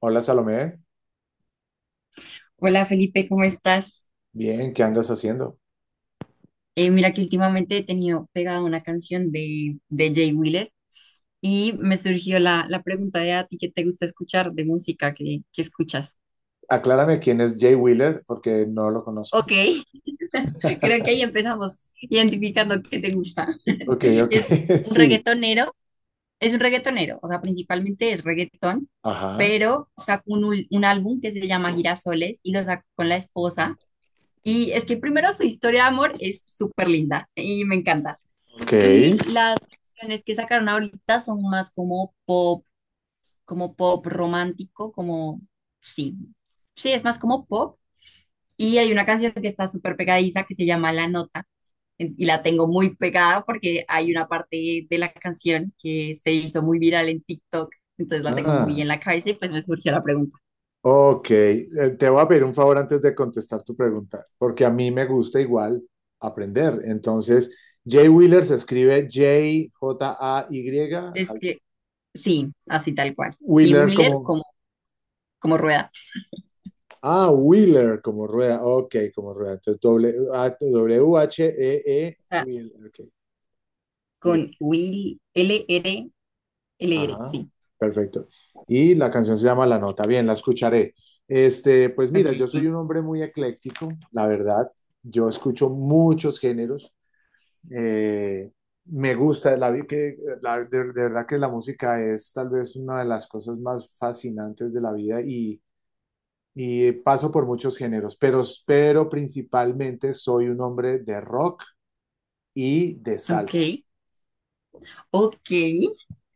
Hola Salomé, Hola Felipe, ¿cómo estás? bien, ¿qué andas haciendo? Mira que últimamente he tenido pegada una canción de Jay Wheeler y me surgió la pregunta de a ti qué te gusta escuchar de música que escuchas. Aclárame quién es Jay Wheeler porque no lo conozco. Ok, creo que ahí empezamos identificando qué te gusta. Ok, ok, Es un sí. reggaetonero, es un reggaetonero, o sea, principalmente es reggaetón, Ajá, pero sacó un álbum que se llama Girasoles y lo sacó con la esposa. Y es que primero su historia de amor es súper linda y me encanta. ok. Y las canciones que sacaron ahorita son más como pop romántico, como, sí, sí, es más como pop. Y hay una canción que está súper pegadiza que se llama La Nota. Y la tengo muy pegada porque hay una parte de la canción que se hizo muy viral en TikTok. Entonces la tengo muy Ah, en la cabeza y pues me surgió la pregunta. ok, te voy a pedir un favor antes de contestar tu pregunta, porque a mí me gusta igual aprender. Entonces, Jay Wheeler se escribe Jay, Es que sí, así tal cual. Y Wheeler Wheeler como, como, como rueda. Wheeler como rueda, ok, como rueda. Entonces, W-H-E-E, O sea, Wheeler, ok, Wheeler. con Will, L-R, L-R, Ajá, sí. perfecto. Y la canción se llama La Nota. Bien, la escucharé. Pues Ok, mira, yo soy sí. un hombre muy ecléctico, la verdad. Yo escucho muchos géneros. Eh, me gusta, la, vi- que, la- De verdad que la música es tal vez una de las cosas más fascinantes de la vida y paso por muchos géneros, pero principalmente soy un hombre de rock y de Ok. salsa. Ok,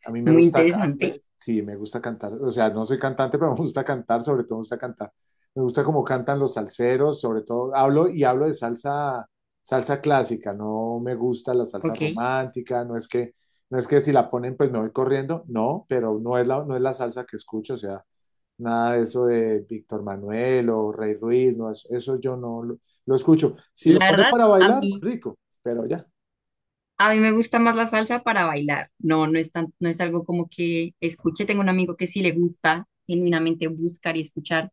A mí me muy gusta, ca- me- interesante. sí, me gusta cantar. O sea, no soy cantante, pero me gusta cantar, sobre todo me gusta cantar. Me gusta cómo cantan los salseros, sobre todo. Hablo y hablo de salsa, salsa clásica. No me gusta la salsa Ok. romántica. No es que si la ponen, pues me voy corriendo. No, pero no es la salsa que escucho. O sea, nada de eso de Víctor Manuel o Rey Ruiz. No, eso yo no lo escucho. Si lo La ponen verdad, para bailar, rico, pero ya, a mí me gusta más la salsa para bailar. No, no es tan, no es algo como que escuche. Tengo un amigo que sí le gusta genuinamente buscar y escuchar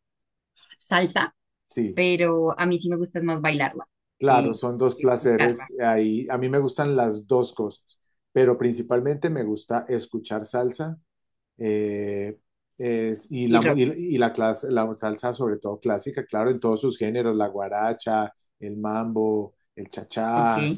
salsa, sí. pero a mí sí me gusta es más bailarla Claro, que, son dos que escucharla. placeres. Ahí, a mí me gustan las dos cosas, pero principalmente me gusta escuchar salsa eh, Y rock. La salsa sobre todo clásica, claro, en todos sus géneros, la guaracha, el mambo, el Ok, chachá,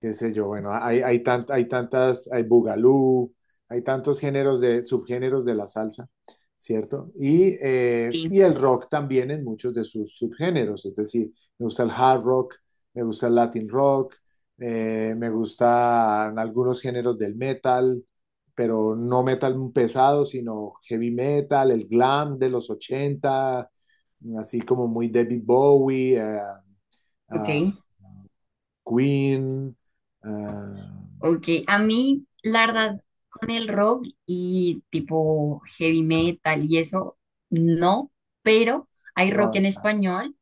qué sé yo, bueno, hay tantas, hay bugalú, hay tantos géneros subgéneros de la salsa, ¿cierto? Y, eh, sí, y el rock también en muchos de sus subgéneros, es decir, me gusta el hard rock, me gusta el latin rock, me gustan algunos géneros del metal, pero no metal pesado, sino heavy metal, el glam de los 80 así como muy David Bowie, ok, ah, Queen, ah, ok. A mí, la verdad, con el rock y tipo heavy metal y eso, no, pero hay no, rock es en claro. español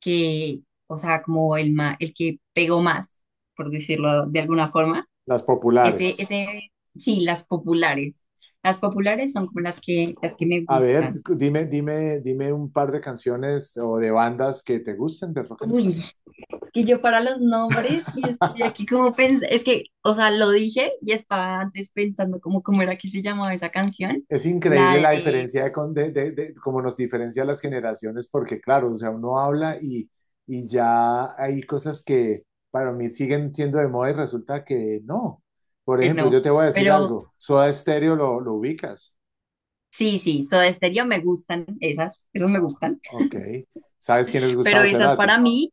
que, o sea, como el que pegó más, por decirlo de alguna forma. Las Ese, populares. ese, sí, las populares. Las populares son como las que me A ver, gustan. dime, dime, dime un par de canciones o de bandas que te gusten de rock en Uy, español. es que yo para los nombres y estoy aquí como pensando, es que, o sea, lo dije y estaba antes pensando como cómo era que se llamaba esa canción, Es la increíble la de, diferencia de, con- de- cómo nos diferencia las generaciones, porque claro, o sea, uno habla y ya hay cosas que para mí siguen siendo de moda y resulta que no. Por ejemplo, yo no, te voy a decir pero algo, Soda Stereo lo ubicas. sí, sí, Soda Stereo me gustan esas, esas me Ah, gustan. ok. ¿Sabes quién es Pero Gustavo esas Cerati? para mí,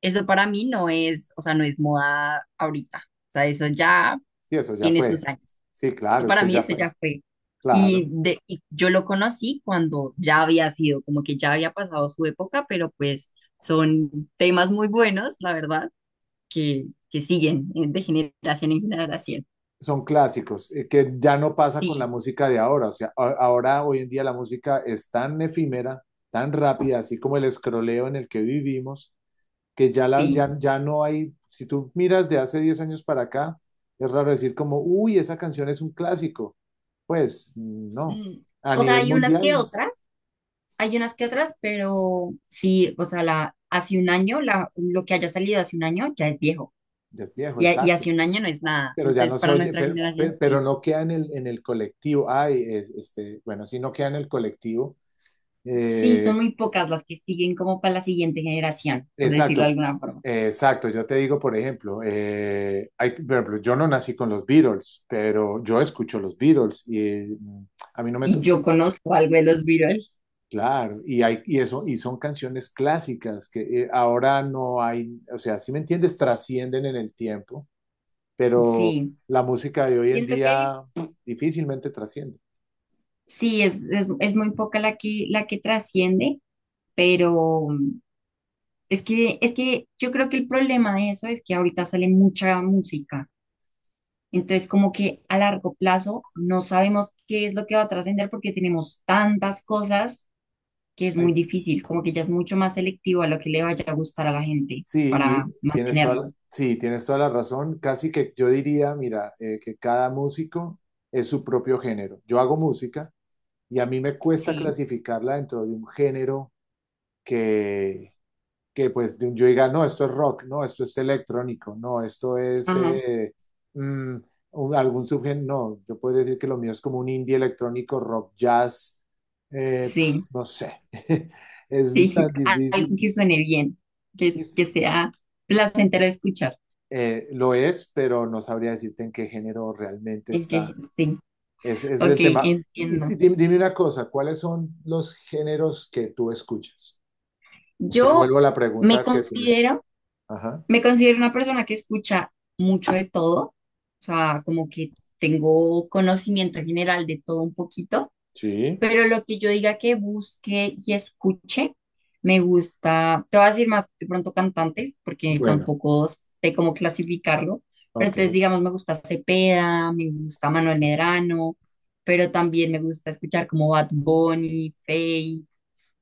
eso para mí no es, o sea, no es moda ahorita. O sea, eso ya Sí, eso ya tiene sus fue. años. Sí, Eso claro, es para que mí ya eso fue. ya fue. Claro. Y yo lo conocí cuando ya había sido, como que ya había pasado su época, pero pues son temas muy buenos, la verdad, que siguen de generación en generación. Son clásicos, que ya no pasa con la Sí, música de ahora. O sea, ahora, hoy en día, la música es tan efímera, tan rápida, así como el escroleo en el que vivimos, que ya, la, sí. ya, ya no hay. Si tú miras de hace 10 años para acá, es raro decir como, uy, esa canción es un clásico. Pues no. Mm. A O sea, nivel hay unas mundial, que otras, hay unas que otras, pero sí, o sea, la, hace un año, la, lo que haya salido hace un año ya es viejo. ya es viejo, Y, y exacto. hace un año no es nada. Pero ya no Entonces, se para oye, nuestra pero generación, per- pero, sí. no queda en el, colectivo. Ay, bueno, si no queda en el colectivo. Sí, eh, son muy pocas las que siguen como para la siguiente generación, por decirlo de exacto, alguna forma. exacto. Yo te digo, por ejemplo, yo no nací con los Beatles, pero yo escucho los Beatles y a mí no me Y yo tocó. conozco algo de los virales. Claro, y son canciones clásicas que ahora no hay, o sea, si me entiendes, trascienden en el tiempo. Pero Sí, la música de hoy en siento que día difícilmente trasciende. sí, es muy poca la que trasciende, pero es que yo creo que el problema de eso es que ahorita sale mucha música. Entonces, como que a largo plazo no sabemos qué es lo que va a trascender porque tenemos tantas cosas que es Ay, muy s- difícil, como que ya es mucho más selectivo a lo que le vaya a gustar a la gente sí, para mantenerlo, sí, tienes toda la razón. Casi que yo diría, mira, que cada músico es su propio género. Yo hago música y a mí me cuesta ¿sí? clasificarla dentro de un género que que pues de yo diga, no, esto es rock, no, esto es electrónico, no, esto es Ajá, mm, algún subgénero, no, yo podría decir que lo mío es como un indie electrónico, rock, jazz, sí, no sé, es sí, tan algo difícil. que suene bien, que, Es- que sea placentero escuchar. Lo es, pero no sabría decirte en qué género realmente En está, que sí, ese es ok, el tema. Y, entiendo. di- di- dime una cosa, ¿cuáles son los géneros que tú escuchas? Te Yo devuelvo la me pregunta que tú me hiciste. considero, Ajá. me considero una persona que escucha mucho de todo, o sea, como que tengo conocimiento general de todo un poquito. Sí. Pero lo que yo diga que busque y escuche, me gusta, te voy a decir más de pronto cantantes, porque Bueno, tampoco sé cómo clasificarlo, pero entonces ok. digamos me gusta Cepeda, me gusta Manuel Medrano, pero también me gusta escuchar como Bad Bunny, Feid,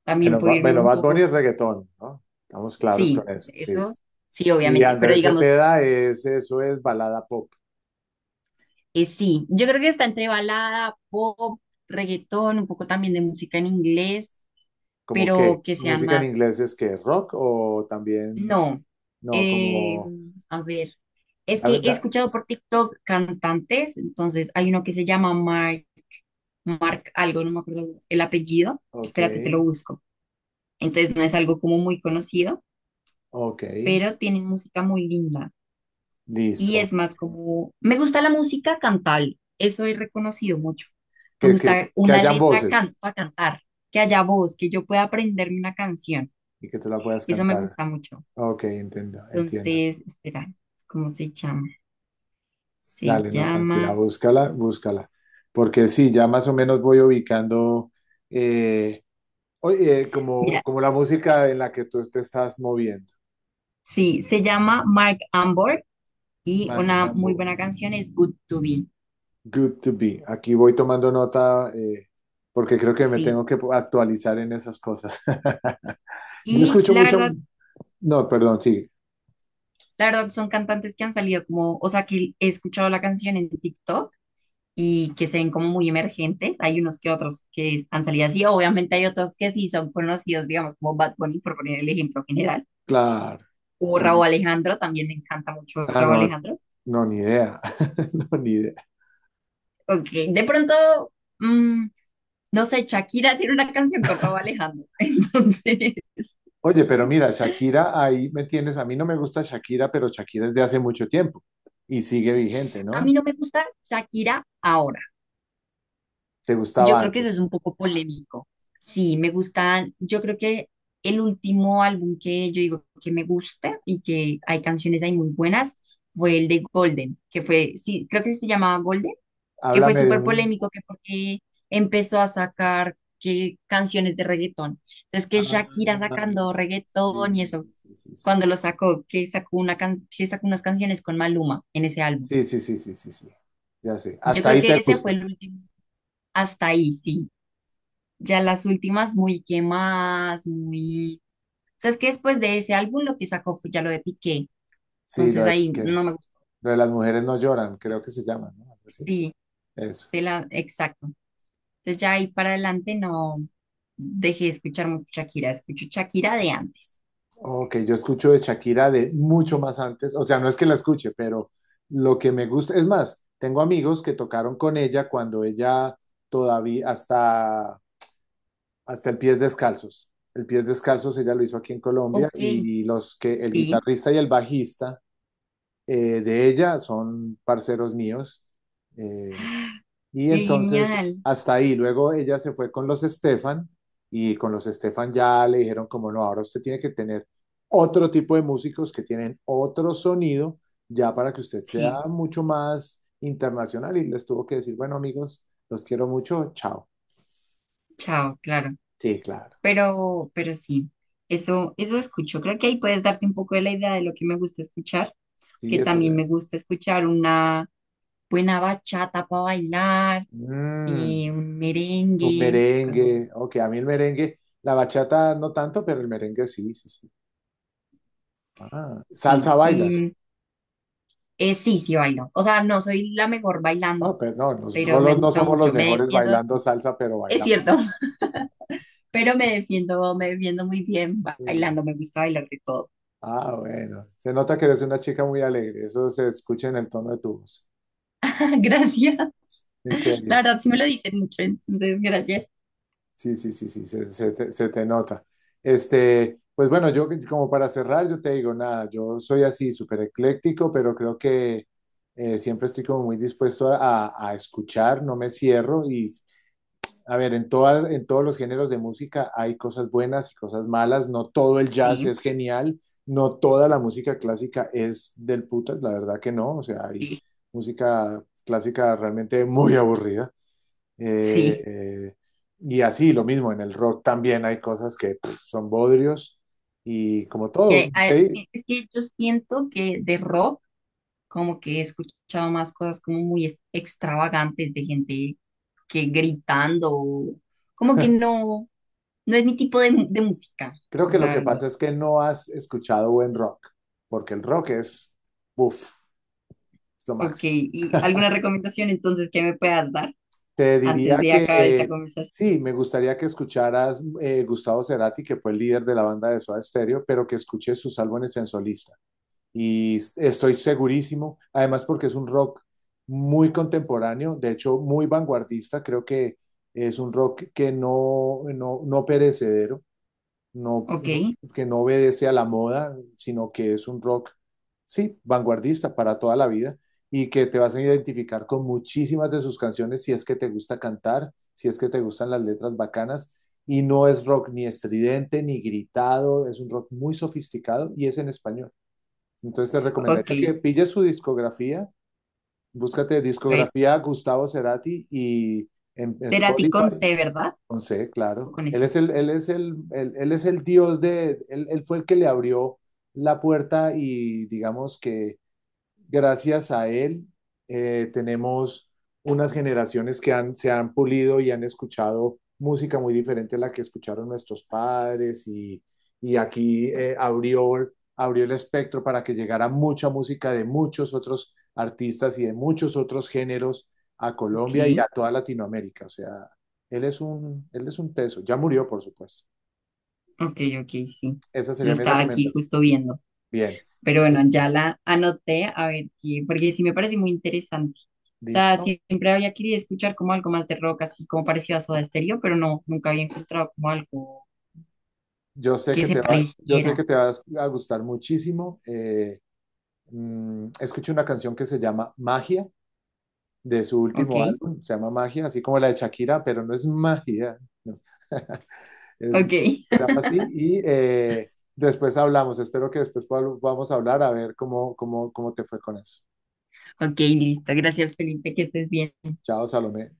también Bueno, puedo irme un Bad poco Bunny es como, reggaetón, ¿no? Estamos claros sí, con eso. eso Listo. sí, Y obviamente, pero Andrés digamos, Cepeda eso es balada pop. Sí, yo creo que está entre balada, pop, reggaetón, un poco también de música en inglés, ¿Cómo qué? pero que sean ¿Música en más inglés es que rock o también, no, no, eh, como, a ver, es que dame- he da- escuchado por TikTok cantantes, entonces hay uno que se llama Mark, Mark algo, no me acuerdo el apellido, ok, espérate, te lo busco. Entonces no es algo como muy conocido, ok, pero tienen música muy linda y listo. es más como, me gusta la música cantable, eso he reconocido mucho. Me Que, que, gusta que una hayan letra voces can para cantar, que haya voz, que yo pueda aprenderme una canción, y que tú la puedas eso me cantar. gusta mucho. Ok, entiendo, entiendo. Entonces, espera, ¿cómo se llama? Se Dale, no, tranquila, llama, búscala, búscala. Porque sí, ya más o menos voy ubicando. eh, Oye, como, mira, como la música en la que tú te estás moviendo, sí, se llama Mark Ambor y Mac una muy Ambo, buena canción es Good to Be. Good to Be. Aquí voy tomando nota porque creo que me Sí, tengo que actualizar en esas cosas. Yo y escucho mucho, no, perdón, sí, la verdad son cantantes que han salido como, o sea, que he escuchado la canción en TikTok y que se ven como muy emergentes. Hay unos que otros que han salido así, obviamente hay otros que sí son conocidos, digamos, como Bad Bunny, por poner el ejemplo general, claro. o ¿Quién- Rauw Alejandro, también me encanta mucho Ah, Rauw no, Alejandro. no, ni idea, no, ni idea. Ok, de pronto. Mm. No sé, Shakira tiene una canción con Rauw Alejandro. Entonces, Oye, pero mira, Shakira, ahí me tienes, a mí no me gusta Shakira, pero Shakira es de hace mucho tiempo y sigue vigente, a ¿no? mí no me gusta Shakira ahora. ¿Te Y yo gustaba creo que eso es antes? un poco polémico. Sí, me gusta, yo creo que el último álbum que yo digo que me gusta y que hay canciones ahí muy buenas fue el de Golden, que fue, sí, creo que se llamaba Golden, que fue Háblame de súper un, polémico, que porque empezó a sacar que canciones de reggaetón. Entonces, que Ah, Shakira sacando reggaetón y sí, eso, sí, sí, sí. cuando lo sacó, que sacó que sacó unas canciones con Maluma en ese álbum. Sí, sí, sí, sí, sí, sí. Sí. Ya sé. Yo Hasta creo ahí te que ese fue gusta. el último. Hasta ahí, sí. Ya las últimas muy quemadas, muy... O sea, es que después de ese álbum lo que sacó fue ya lo de Piqué. Sí, Entonces ahí no me lo de las mujeres no lloran, creo que se llama, ¿no? Algo así. sí, Eso. de la, exacto. Entonces ya ahí para adelante no dejé de escuchar mucho Shakira, escucho Shakira de antes. Ok, yo escucho de Shakira de mucho más antes. O sea, no es que la escuche, pero lo que me gusta, es más, tengo amigos que tocaron con ella cuando ella todavía, hasta el Pies Descalzos. El Pies Descalzos ella lo hizo aquí en Colombia Ok, y el sí. guitarrista y el bajista de ella, son parceros míos. eh, ¡Ah! y Qué entonces genial. hasta ahí, luego ella se fue con los Estefan y con los Estefan ya le dijeron como no, ahora usted tiene que tener otro tipo de músicos que tienen otro sonido ya para que usted sea Sí, mucho más internacional y les tuvo que decir, bueno amigos, los quiero mucho, chao. chao, claro. Sí, claro. Pero sí, eso escucho. Creo que ahí puedes darte un poco de la idea de lo que me gusta escuchar, Sí, que eso, también me vean. gusta escuchar una buena bachata para bailar, Mm, un un merengue, cosas merengue, así. ok, a mí el merengue, la bachata no tanto, pero el merengue sí, sí, sí. Ah, salsa Sí, y bailas. Sí, sí bailo. O sea, no soy la mejor No, bailando, pero no, los pero me rolos no gusta somos los mucho, me mejores defiendo bailando bastante. salsa, pero Es bailamos cierto, salsa. pero me defiendo muy bien Muy bien. bailando, me gusta bailar de todo. Ah, bueno. Se nota que eres una chica muy alegre. Eso se escucha en el tono de tu voz. Gracias. En La serio. verdad, sí me lo dicen mucho, entonces gracias. Sí, sí, sí, sí, se te nota. Pues bueno, yo como para cerrar, yo te digo, nada, yo soy así, súper ecléctico, pero creo que siempre estoy como muy dispuesto a, a escuchar, no me cierro y a ver, en todos los géneros de música hay cosas buenas y cosas malas. No todo el jazz Sí, es genial, no toda la música clásica es del putas, la verdad que no. O sea, hay sí, música clásica realmente muy aburrida. Eh, sí. eh, y así, lo mismo, en el rock también hay cosas que son bodrios y como Y todo, sí, es que yo siento que de rock, como que he escuchado más cosas como muy extravagantes de gente que gritando, o- como que no, no es mi tipo de, de música, creo que lo la que verdad. pasa es que no has escuchado buen rock, porque el rock uff, es lo Ok, máximo. ¿y alguna recomendación entonces que me puedas dar Te antes diría de acabar esta que sí, conversación? me gustaría que escucharas Gustavo Cerati, que fue el líder de la banda de Soda Stereo, pero que escuches sus álbumes en solista. Y estoy segurísimo, además porque es un rock muy contemporáneo, de hecho muy vanguardista, creo que es un rock que no perecedero no, Ok, no- que no obedece a la moda, sino que es un rock, sí, vanguardista para toda la vida y que te vas a identificar con muchísimas de sus canciones si es que te gusta cantar, si es que te gustan las letras bacanas. Y no es rock ni estridente ni gritado, es un rock muy sofisticado y es en español. Entonces te ok, recomendaría que pilles su discografía, búscate a ver, discografía Gustavo Cerati y en Cerati con Spotify C, ¿verdad? con C, O claro. con Él S. es el, él es el, él, él es el dios de, él fue el que le abrió la puerta y digamos que gracias a él tenemos unas generaciones se han pulido y han escuchado música muy diferente a la que escucharon nuestros padres y aquí abrió el espectro para que llegara mucha música de muchos otros artistas y de muchos otros géneros a Colombia y Ok. a toda Latinoamérica. O sea, él es un teso. Ya murió, por supuesto. Ok, ok, sí. Esa Yo sería mi estaba aquí recomendación. justo viendo. Bien. Pero bueno, ya la anoté, a ver qué, porque sí me parece muy interesante. O sea, ¿Listo? siempre había querido escuchar como algo más de rock, así como parecido a Soda Stereo, pero no, nunca había encontrado como algo Yo sé que que se te va, yo sé pareciera. que te va a gustar muchísimo. Escuché una canción que se llama Magia, de su Ok, último álbum, se llama Magia, así como la de Shakira, pero no es magia, no. Ok, Se llama así y después hablamos. Espero que después podamos hablar a ver cómo te fue con eso. ok, listo. Gracias, Felipe, que estés bien. Chao, Salomé.